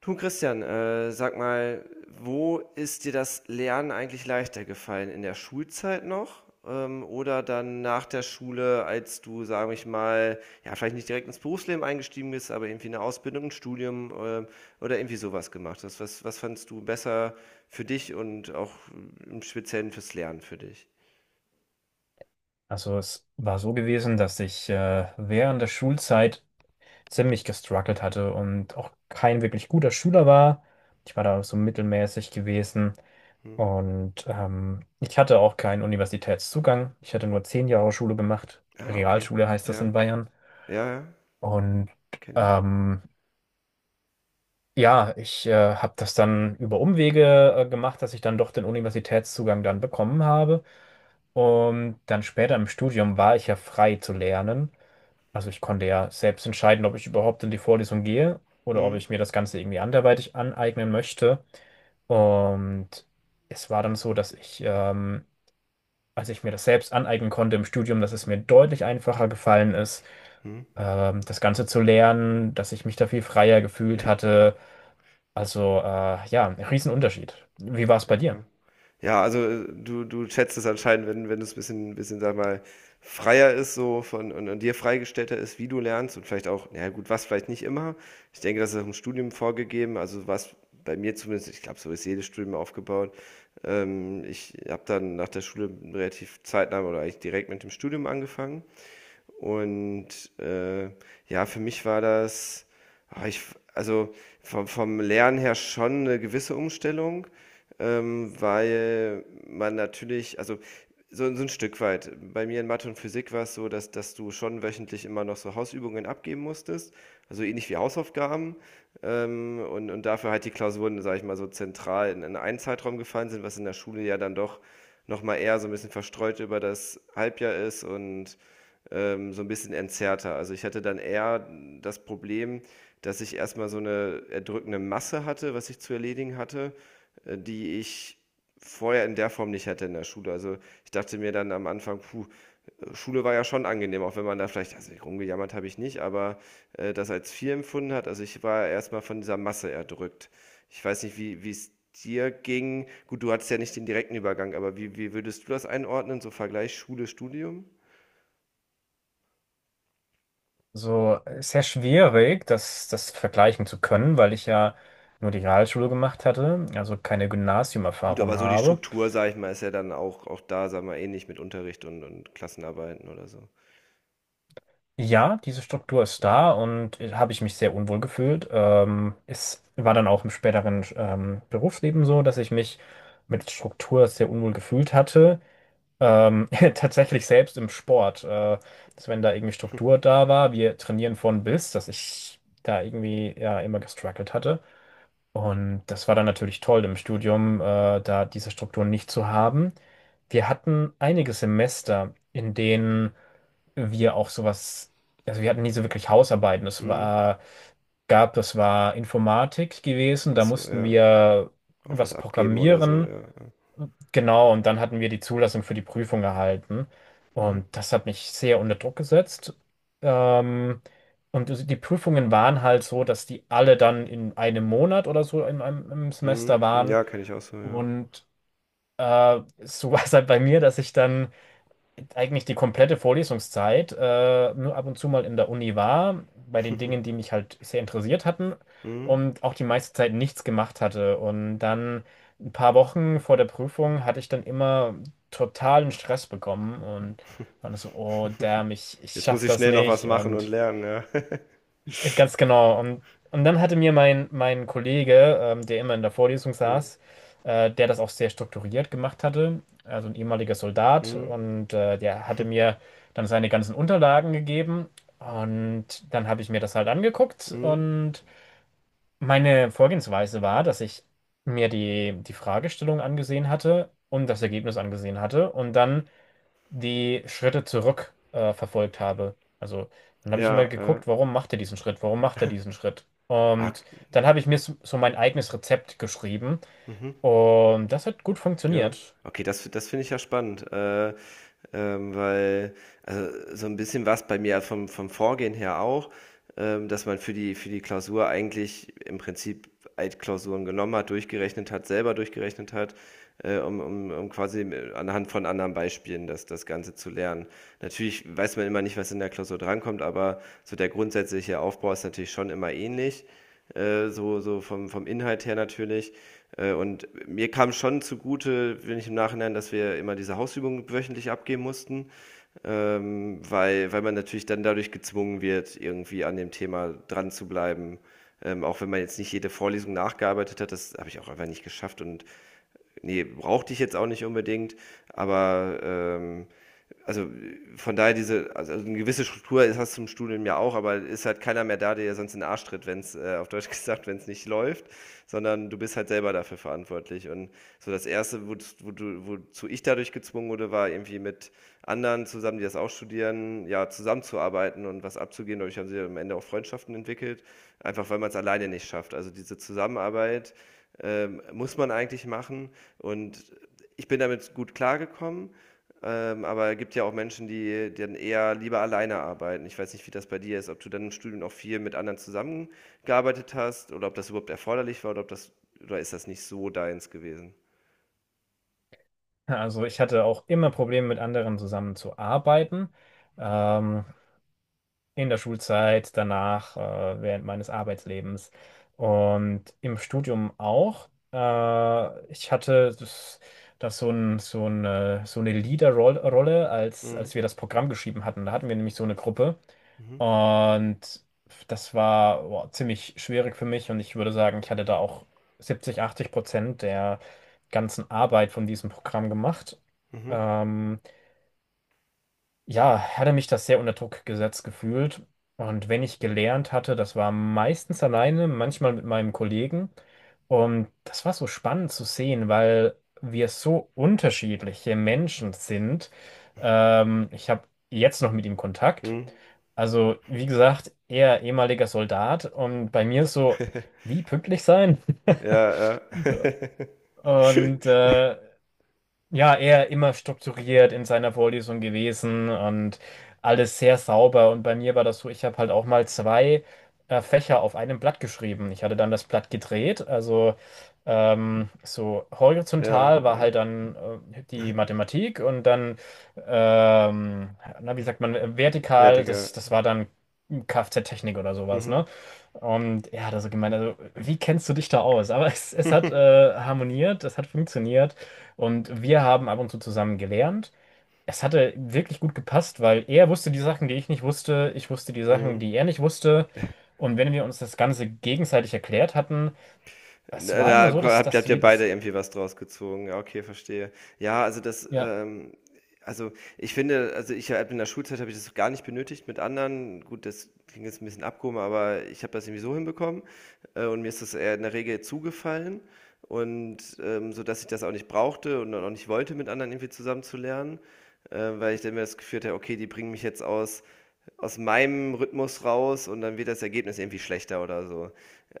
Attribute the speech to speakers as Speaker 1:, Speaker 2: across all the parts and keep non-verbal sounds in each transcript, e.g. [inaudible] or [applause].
Speaker 1: Du Christian, sag mal, wo ist dir das Lernen eigentlich leichter gefallen? In der Schulzeit noch? Oder dann nach der Schule, als du, sag ich mal, ja, vielleicht nicht direkt ins Berufsleben eingestiegen bist, aber irgendwie eine Ausbildung, ein Studium, oder irgendwie sowas gemacht hast? Was fandst du besser für dich und auch im Speziellen fürs Lernen für dich?
Speaker 2: Also es war so gewesen, dass ich während der Schulzeit ziemlich gestruggelt hatte und auch kein wirklich guter Schüler war. Ich war da so mittelmäßig gewesen
Speaker 1: Hm.
Speaker 2: und ich hatte auch keinen Universitätszugang. Ich hatte nur 10 Jahre Schule gemacht.
Speaker 1: Ah, okay.
Speaker 2: Realschule heißt das
Speaker 1: Ja,
Speaker 2: in Bayern.
Speaker 1: ja, ja,
Speaker 2: Und
Speaker 1: kenne ich.
Speaker 2: ähm, ja, ich habe das dann über Umwege gemacht, dass ich dann doch den Universitätszugang dann bekommen habe. Und dann später im Studium war ich ja frei zu lernen. Also ich konnte ja selbst entscheiden, ob ich überhaupt in die Vorlesung gehe oder ob
Speaker 1: Hm.
Speaker 2: ich mir das Ganze irgendwie anderweitig aneignen möchte. Und es war dann so, dass ich, als ich mir das selbst aneignen konnte im Studium, dass es mir deutlich einfacher gefallen ist,
Speaker 1: Hm.
Speaker 2: das Ganze zu lernen, dass ich mich da viel freier gefühlt hatte. Also ja, ein Riesenunterschied. Wie war es bei dir?
Speaker 1: Ja, also du schätzt es anscheinend, wenn es ein bisschen, sag mal, freier ist so und dir freigestellter ist, wie du lernst und vielleicht auch, naja gut, was vielleicht nicht immer. Ich denke, das ist auch im Studium vorgegeben, also was bei mir zumindest, ich glaube, so ist jedes Studium aufgebaut. Ich habe dann nach der Schule relativ zeitnah oder eigentlich direkt mit dem Studium angefangen und äh, ja, für mich war das, ah, ich, also vom Lernen her schon eine gewisse Umstellung, weil man natürlich, also so ein Stück weit, bei mir in Mathe und Physik war es so, dass du schon wöchentlich immer noch so Hausübungen abgeben musstest, also ähnlich wie Hausaufgaben. Und dafür halt die Klausuren, sage ich mal, so zentral in einen Zeitraum gefallen sind, was in der Schule ja dann doch nochmal eher so ein bisschen verstreut über das Halbjahr ist und so ein bisschen entzerrter. Also, ich hatte dann eher das Problem, dass ich erst mal so eine erdrückende Masse hatte, was ich zu erledigen hatte, die ich vorher in der Form nicht hatte in der Schule. Also, ich dachte mir dann am Anfang: „Puh, Schule war ja schon angenehm", auch wenn man da vielleicht also, rumgejammert habe ich nicht, aber, das als viel empfunden hat. Also, ich war erst mal von dieser Masse erdrückt. Ich weiß nicht, wie es dir ging. Gut, du hattest ja nicht den direkten Übergang, aber wie würdest du das einordnen, so Vergleich Schule, Studium?
Speaker 2: So, ist sehr schwierig, das, das vergleichen zu können, weil ich ja nur die Realschule gemacht hatte, also keine
Speaker 1: Gut,
Speaker 2: Gymnasiumerfahrung
Speaker 1: aber so die
Speaker 2: habe.
Speaker 1: Struktur, sag ich mal, ist ja dann auch da, sag mal, ähnlich mit Unterricht und Klassenarbeiten oder so.
Speaker 2: Ja, diese Struktur ist
Speaker 1: Mhm.
Speaker 2: da und habe ich mich sehr unwohl gefühlt. Es war dann auch im späteren Berufsleben so, dass ich mich mit Struktur sehr unwohl gefühlt hatte. Ähm, [laughs] tatsächlich selbst im Sport, dass wenn da irgendwie Struktur da war, wir trainieren von bis, dass ich da irgendwie ja immer gestruggelt hatte. Und das war dann natürlich toll im Studium, da diese Strukturen nicht zu haben. Wir hatten einige Semester, in denen wir auch sowas, also wir hatten nie so wirklich Hausarbeiten. Es
Speaker 1: Mhm.
Speaker 2: war, gab, das war Informatik gewesen,
Speaker 1: Ach
Speaker 2: da
Speaker 1: so,
Speaker 2: mussten
Speaker 1: ja.
Speaker 2: wir
Speaker 1: Auch was
Speaker 2: was
Speaker 1: abgeben oder so,
Speaker 2: programmieren.
Speaker 1: ja, ja.
Speaker 2: Genau, und dann hatten wir die Zulassung für die Prüfung erhalten.
Speaker 1: Mhm.
Speaker 2: Und das hat mich sehr unter Druck gesetzt. Ähm, und die Prüfungen waren halt so, dass die alle dann in einem Monat oder so im
Speaker 1: Mhm.
Speaker 2: Semester
Speaker 1: Hm,
Speaker 2: waren.
Speaker 1: ja, kenne ich auch so, ja.
Speaker 2: Und so [laughs] war es halt bei mir, dass ich dann eigentlich die komplette Vorlesungszeit, nur ab und zu mal in der Uni war, bei den Dingen, die mich halt sehr interessiert hatten
Speaker 1: Mhm.
Speaker 2: und auch die meiste Zeit nichts gemacht hatte. Und dann ein paar Wochen vor der Prüfung hatte ich dann immer totalen Stress bekommen und war dann so, oh damn, ich
Speaker 1: Jetzt muss
Speaker 2: schaff
Speaker 1: ich
Speaker 2: das
Speaker 1: schnell noch was
Speaker 2: nicht
Speaker 1: machen und
Speaker 2: und
Speaker 1: lernen, ja. [laughs]
Speaker 2: ganz genau. Und dann hatte mir mein Kollege, der immer in der Vorlesung
Speaker 1: Mhm.
Speaker 2: saß, der das auch sehr strukturiert gemacht hatte, also ein ehemaliger Soldat,
Speaker 1: Mhm.
Speaker 2: und der hatte mir dann seine ganzen Unterlagen gegeben. Und dann habe ich mir das halt angeguckt.
Speaker 1: Mhm.
Speaker 2: Und meine Vorgehensweise war, dass ich mir die Fragestellung angesehen hatte und das Ergebnis angesehen hatte. Und dann die Schritte zurück verfolgt habe. Also dann habe ich immer
Speaker 1: Ja, ja.
Speaker 2: geguckt, warum macht er diesen Schritt? Warum macht er diesen Schritt?
Speaker 1: Ah,
Speaker 2: Und dann habe ich mir so mein eigenes Rezept geschrieben
Speaker 1: mhm.
Speaker 2: und das hat gut
Speaker 1: Ja.
Speaker 2: funktioniert.
Speaker 1: Okay, das finde ich ja spannend, weil also so ein bisschen war's bei mir also vom Vorgehen her auch, dass man für die Klausur eigentlich im Prinzip Altklausuren genommen hat, durchgerechnet hat, selber durchgerechnet hat, um quasi anhand von anderen Beispielen das Ganze zu lernen. Natürlich weiß man immer nicht, was in der Klausur drankommt, aber so der grundsätzliche Aufbau ist natürlich schon immer ähnlich, so vom Inhalt her natürlich. Und mir kam schon zugute, wenn ich im Nachhinein, dass wir immer diese Hausübungen wöchentlich abgeben mussten weil man natürlich dann dadurch gezwungen wird, irgendwie an dem Thema dran zu bleiben. Auch wenn man jetzt nicht jede Vorlesung nachgearbeitet hat, das habe ich auch einfach nicht geschafft und nee, brauchte ich jetzt auch nicht unbedingt, aber also, von daher also, eine gewisse Struktur ist hast du im Studium ja auch, aber ist halt keiner mehr da, der dir sonst in den Arsch tritt, wenn's auf Deutsch [laughs] gesagt, wenn es nicht läuft, sondern du bist halt selber dafür verantwortlich. Und so das erste, woz wo du wozu ich dadurch gezwungen wurde, war irgendwie mit anderen zusammen, die das auch studieren, ja, zusammenzuarbeiten und was abzugehen. Dadurch haben sie am Ende auch Freundschaften entwickelt, einfach weil man es alleine nicht schafft. Also, diese Zusammenarbeit, muss man eigentlich machen und ich bin damit gut klargekommen. Aber es gibt ja auch Menschen, die dann eher lieber alleine arbeiten. Ich weiß nicht, wie das bei dir ist, ob du dann im Studium auch viel mit anderen zusammengearbeitet hast oder ob das überhaupt erforderlich war oder ist das nicht so deins gewesen?
Speaker 2: Also ich hatte auch immer Probleme mit anderen zusammenzuarbeiten. Ähm, in der Schulzeit, danach, während meines Arbeitslebens und im Studium auch. Ich hatte das, das so ein, so eine Leaderrolle,
Speaker 1: Mhm.
Speaker 2: als wir das Programm geschrieben hatten. Da hatten wir nämlich so eine Gruppe
Speaker 1: Mhm.
Speaker 2: und das war boah, ziemlich schwierig für mich und ich würde sagen, ich hatte da auch 70, 80% der ganzen Arbeit von diesem Programm gemacht.
Speaker 1: Mhm.
Speaker 2: Ähm, ja, hatte mich das sehr unter Druck gesetzt gefühlt. Und wenn ich gelernt hatte, das war meistens alleine, manchmal mit meinem Kollegen. Und das war so spannend zu sehen, weil wir so unterschiedliche Menschen sind. Ich habe jetzt noch mit ihm Kontakt.
Speaker 1: Mhm.
Speaker 2: Also, wie gesagt, er ehemaliger Soldat und bei mir ist so,
Speaker 1: [laughs]
Speaker 2: wie pünktlich sein? [laughs]
Speaker 1: Ja, ja. [laughs]
Speaker 2: Und ja, er immer strukturiert in seiner Vorlesung gewesen und alles sehr sauber. Und bei mir war das so, ich habe halt auch mal zwei Fächer auf einem Blatt geschrieben. Ich hatte dann das Blatt gedreht. Also so
Speaker 1: Ja,
Speaker 2: horizontal war
Speaker 1: ja.
Speaker 2: halt dann die Mathematik und dann, ähm, na, wie sagt man,
Speaker 1: Ja,
Speaker 2: vertikal,
Speaker 1: Digga.
Speaker 2: das, das war dann Kfz-Technik oder sowas,
Speaker 1: Mhm.
Speaker 2: ne? Und er hat also gemeint, also wie kennst du dich da aus? Aber es hat harmoniert, es hat funktioniert. Und wir haben ab und zu zusammen gelernt. Es hatte wirklich gut gepasst, weil er wusste die Sachen, die ich nicht wusste, ich wusste die Sachen,
Speaker 1: Mhm.
Speaker 2: die er nicht wusste. Und wenn wir uns das Ganze gegenseitig erklärt hatten, es
Speaker 1: Da
Speaker 2: war immer
Speaker 1: da
Speaker 2: so, dass,
Speaker 1: habt
Speaker 2: dass
Speaker 1: ihr
Speaker 2: wir
Speaker 1: beide
Speaker 2: das,
Speaker 1: irgendwie was draus gezogen. Ja, okay, verstehe. Ja, also das,
Speaker 2: ja,
Speaker 1: ähm also ich finde, also ich habe in der Schulzeit habe ich das gar nicht benötigt mit anderen. Gut, das klingt jetzt ein bisschen abgehoben, aber ich habe das irgendwie so hinbekommen, und mir ist das eher in der Regel zugefallen und, so, dass ich das auch nicht brauchte und dann auch nicht wollte, mit anderen irgendwie zusammen zu lernen, weil ich dann mir das Gefühl hatte: „Okay, die bringen mich jetzt aus meinem Rhythmus raus und dann wird das Ergebnis irgendwie schlechter oder so.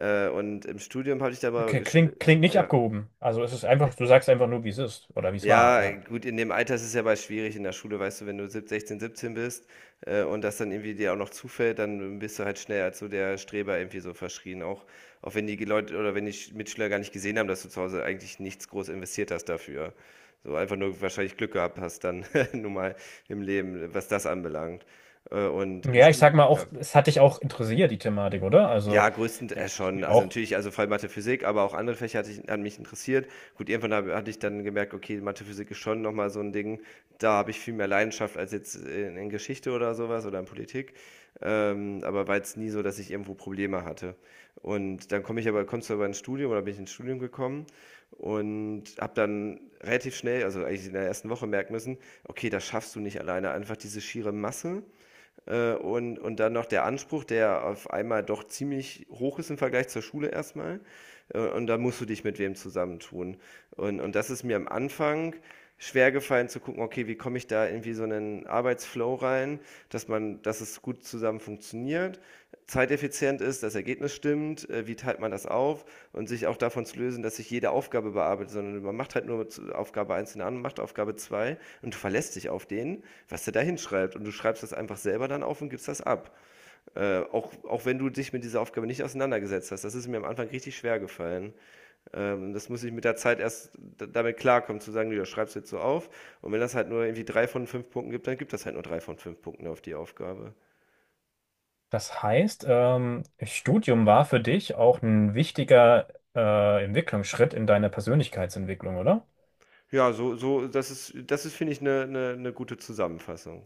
Speaker 1: Und im Studium habe ich da aber
Speaker 2: okay, klingt, klingt nicht
Speaker 1: ja.
Speaker 2: abgehoben. Also es ist einfach, du sagst einfach nur, wie es ist oder wie es war,
Speaker 1: Ja,
Speaker 2: ja.
Speaker 1: gut, in dem Alter ist es ja mal schwierig in der Schule, weißt du, wenn du 16, 17 bist und das dann irgendwie dir auch noch zufällt, dann bist du halt schnell als so der Streber irgendwie so verschrien. Auch wenn die Leute oder wenn die Mitschüler gar nicht gesehen haben, dass du zu Hause eigentlich nichts groß investiert hast dafür. So einfach nur wahrscheinlich Glück gehabt hast dann [laughs] nun mal im Leben, was das anbelangt. Und im
Speaker 2: Ja, ich sag
Speaker 1: Studium,
Speaker 2: mal
Speaker 1: ja.
Speaker 2: auch, es hat dich auch interessiert, die Thematik, oder? Also,
Speaker 1: Ja, größten
Speaker 2: der
Speaker 1: schon.
Speaker 2: spielt
Speaker 1: Also
Speaker 2: auch.
Speaker 1: natürlich, also vor allem Mathe, Physik, aber auch andere Fächer hat mich interessiert. Gut, irgendwann hatte ich dann gemerkt, okay, Mathe, Physik ist schon nochmal so ein Ding. Da habe ich viel mehr Leidenschaft als jetzt in Geschichte oder sowas oder in Politik. Aber war jetzt nie so, dass ich irgendwo Probleme hatte. Und dann kommst du aber ins Studium oder bin ich ins Studium gekommen und habe dann relativ schnell, also eigentlich in der ersten Woche merken müssen, okay, das schaffst du nicht alleine. Einfach diese schiere Masse und dann noch der Anspruch, der auf einmal doch ziemlich hoch ist im Vergleich zur Schule erstmal und da musst du dich mit wem zusammentun. Und das ist mir am Anfang schwer gefallen zu gucken, okay, wie komme ich da irgendwie so einen Arbeitsflow rein, dass es gut zusammen funktioniert, zeiteffizient ist, das Ergebnis stimmt, wie teilt man das auf und sich auch davon zu lösen, dass sich jede Aufgabe bearbeitet, sondern man macht halt nur Aufgabe eins, macht Aufgabe 2 und du verlässt dich auf den, was der da hinschreibt und du schreibst das einfach selber dann auf und gibst das ab. Auch wenn du dich mit dieser Aufgabe nicht auseinandergesetzt hast. Das ist mir am Anfang richtig schwer gefallen. Das muss ich mit der Zeit erst damit klarkommen, zu sagen, du schreibst jetzt so auf. Und wenn das halt nur irgendwie drei von fünf Punkten gibt, dann gibt das halt nur drei von fünf Punkten auf die Aufgabe.
Speaker 2: Das heißt, Studium war für dich auch ein wichtiger Entwicklungsschritt in deiner Persönlichkeitsentwicklung, oder?
Speaker 1: Ja, das ist, finde ich, eine gute Zusammenfassung.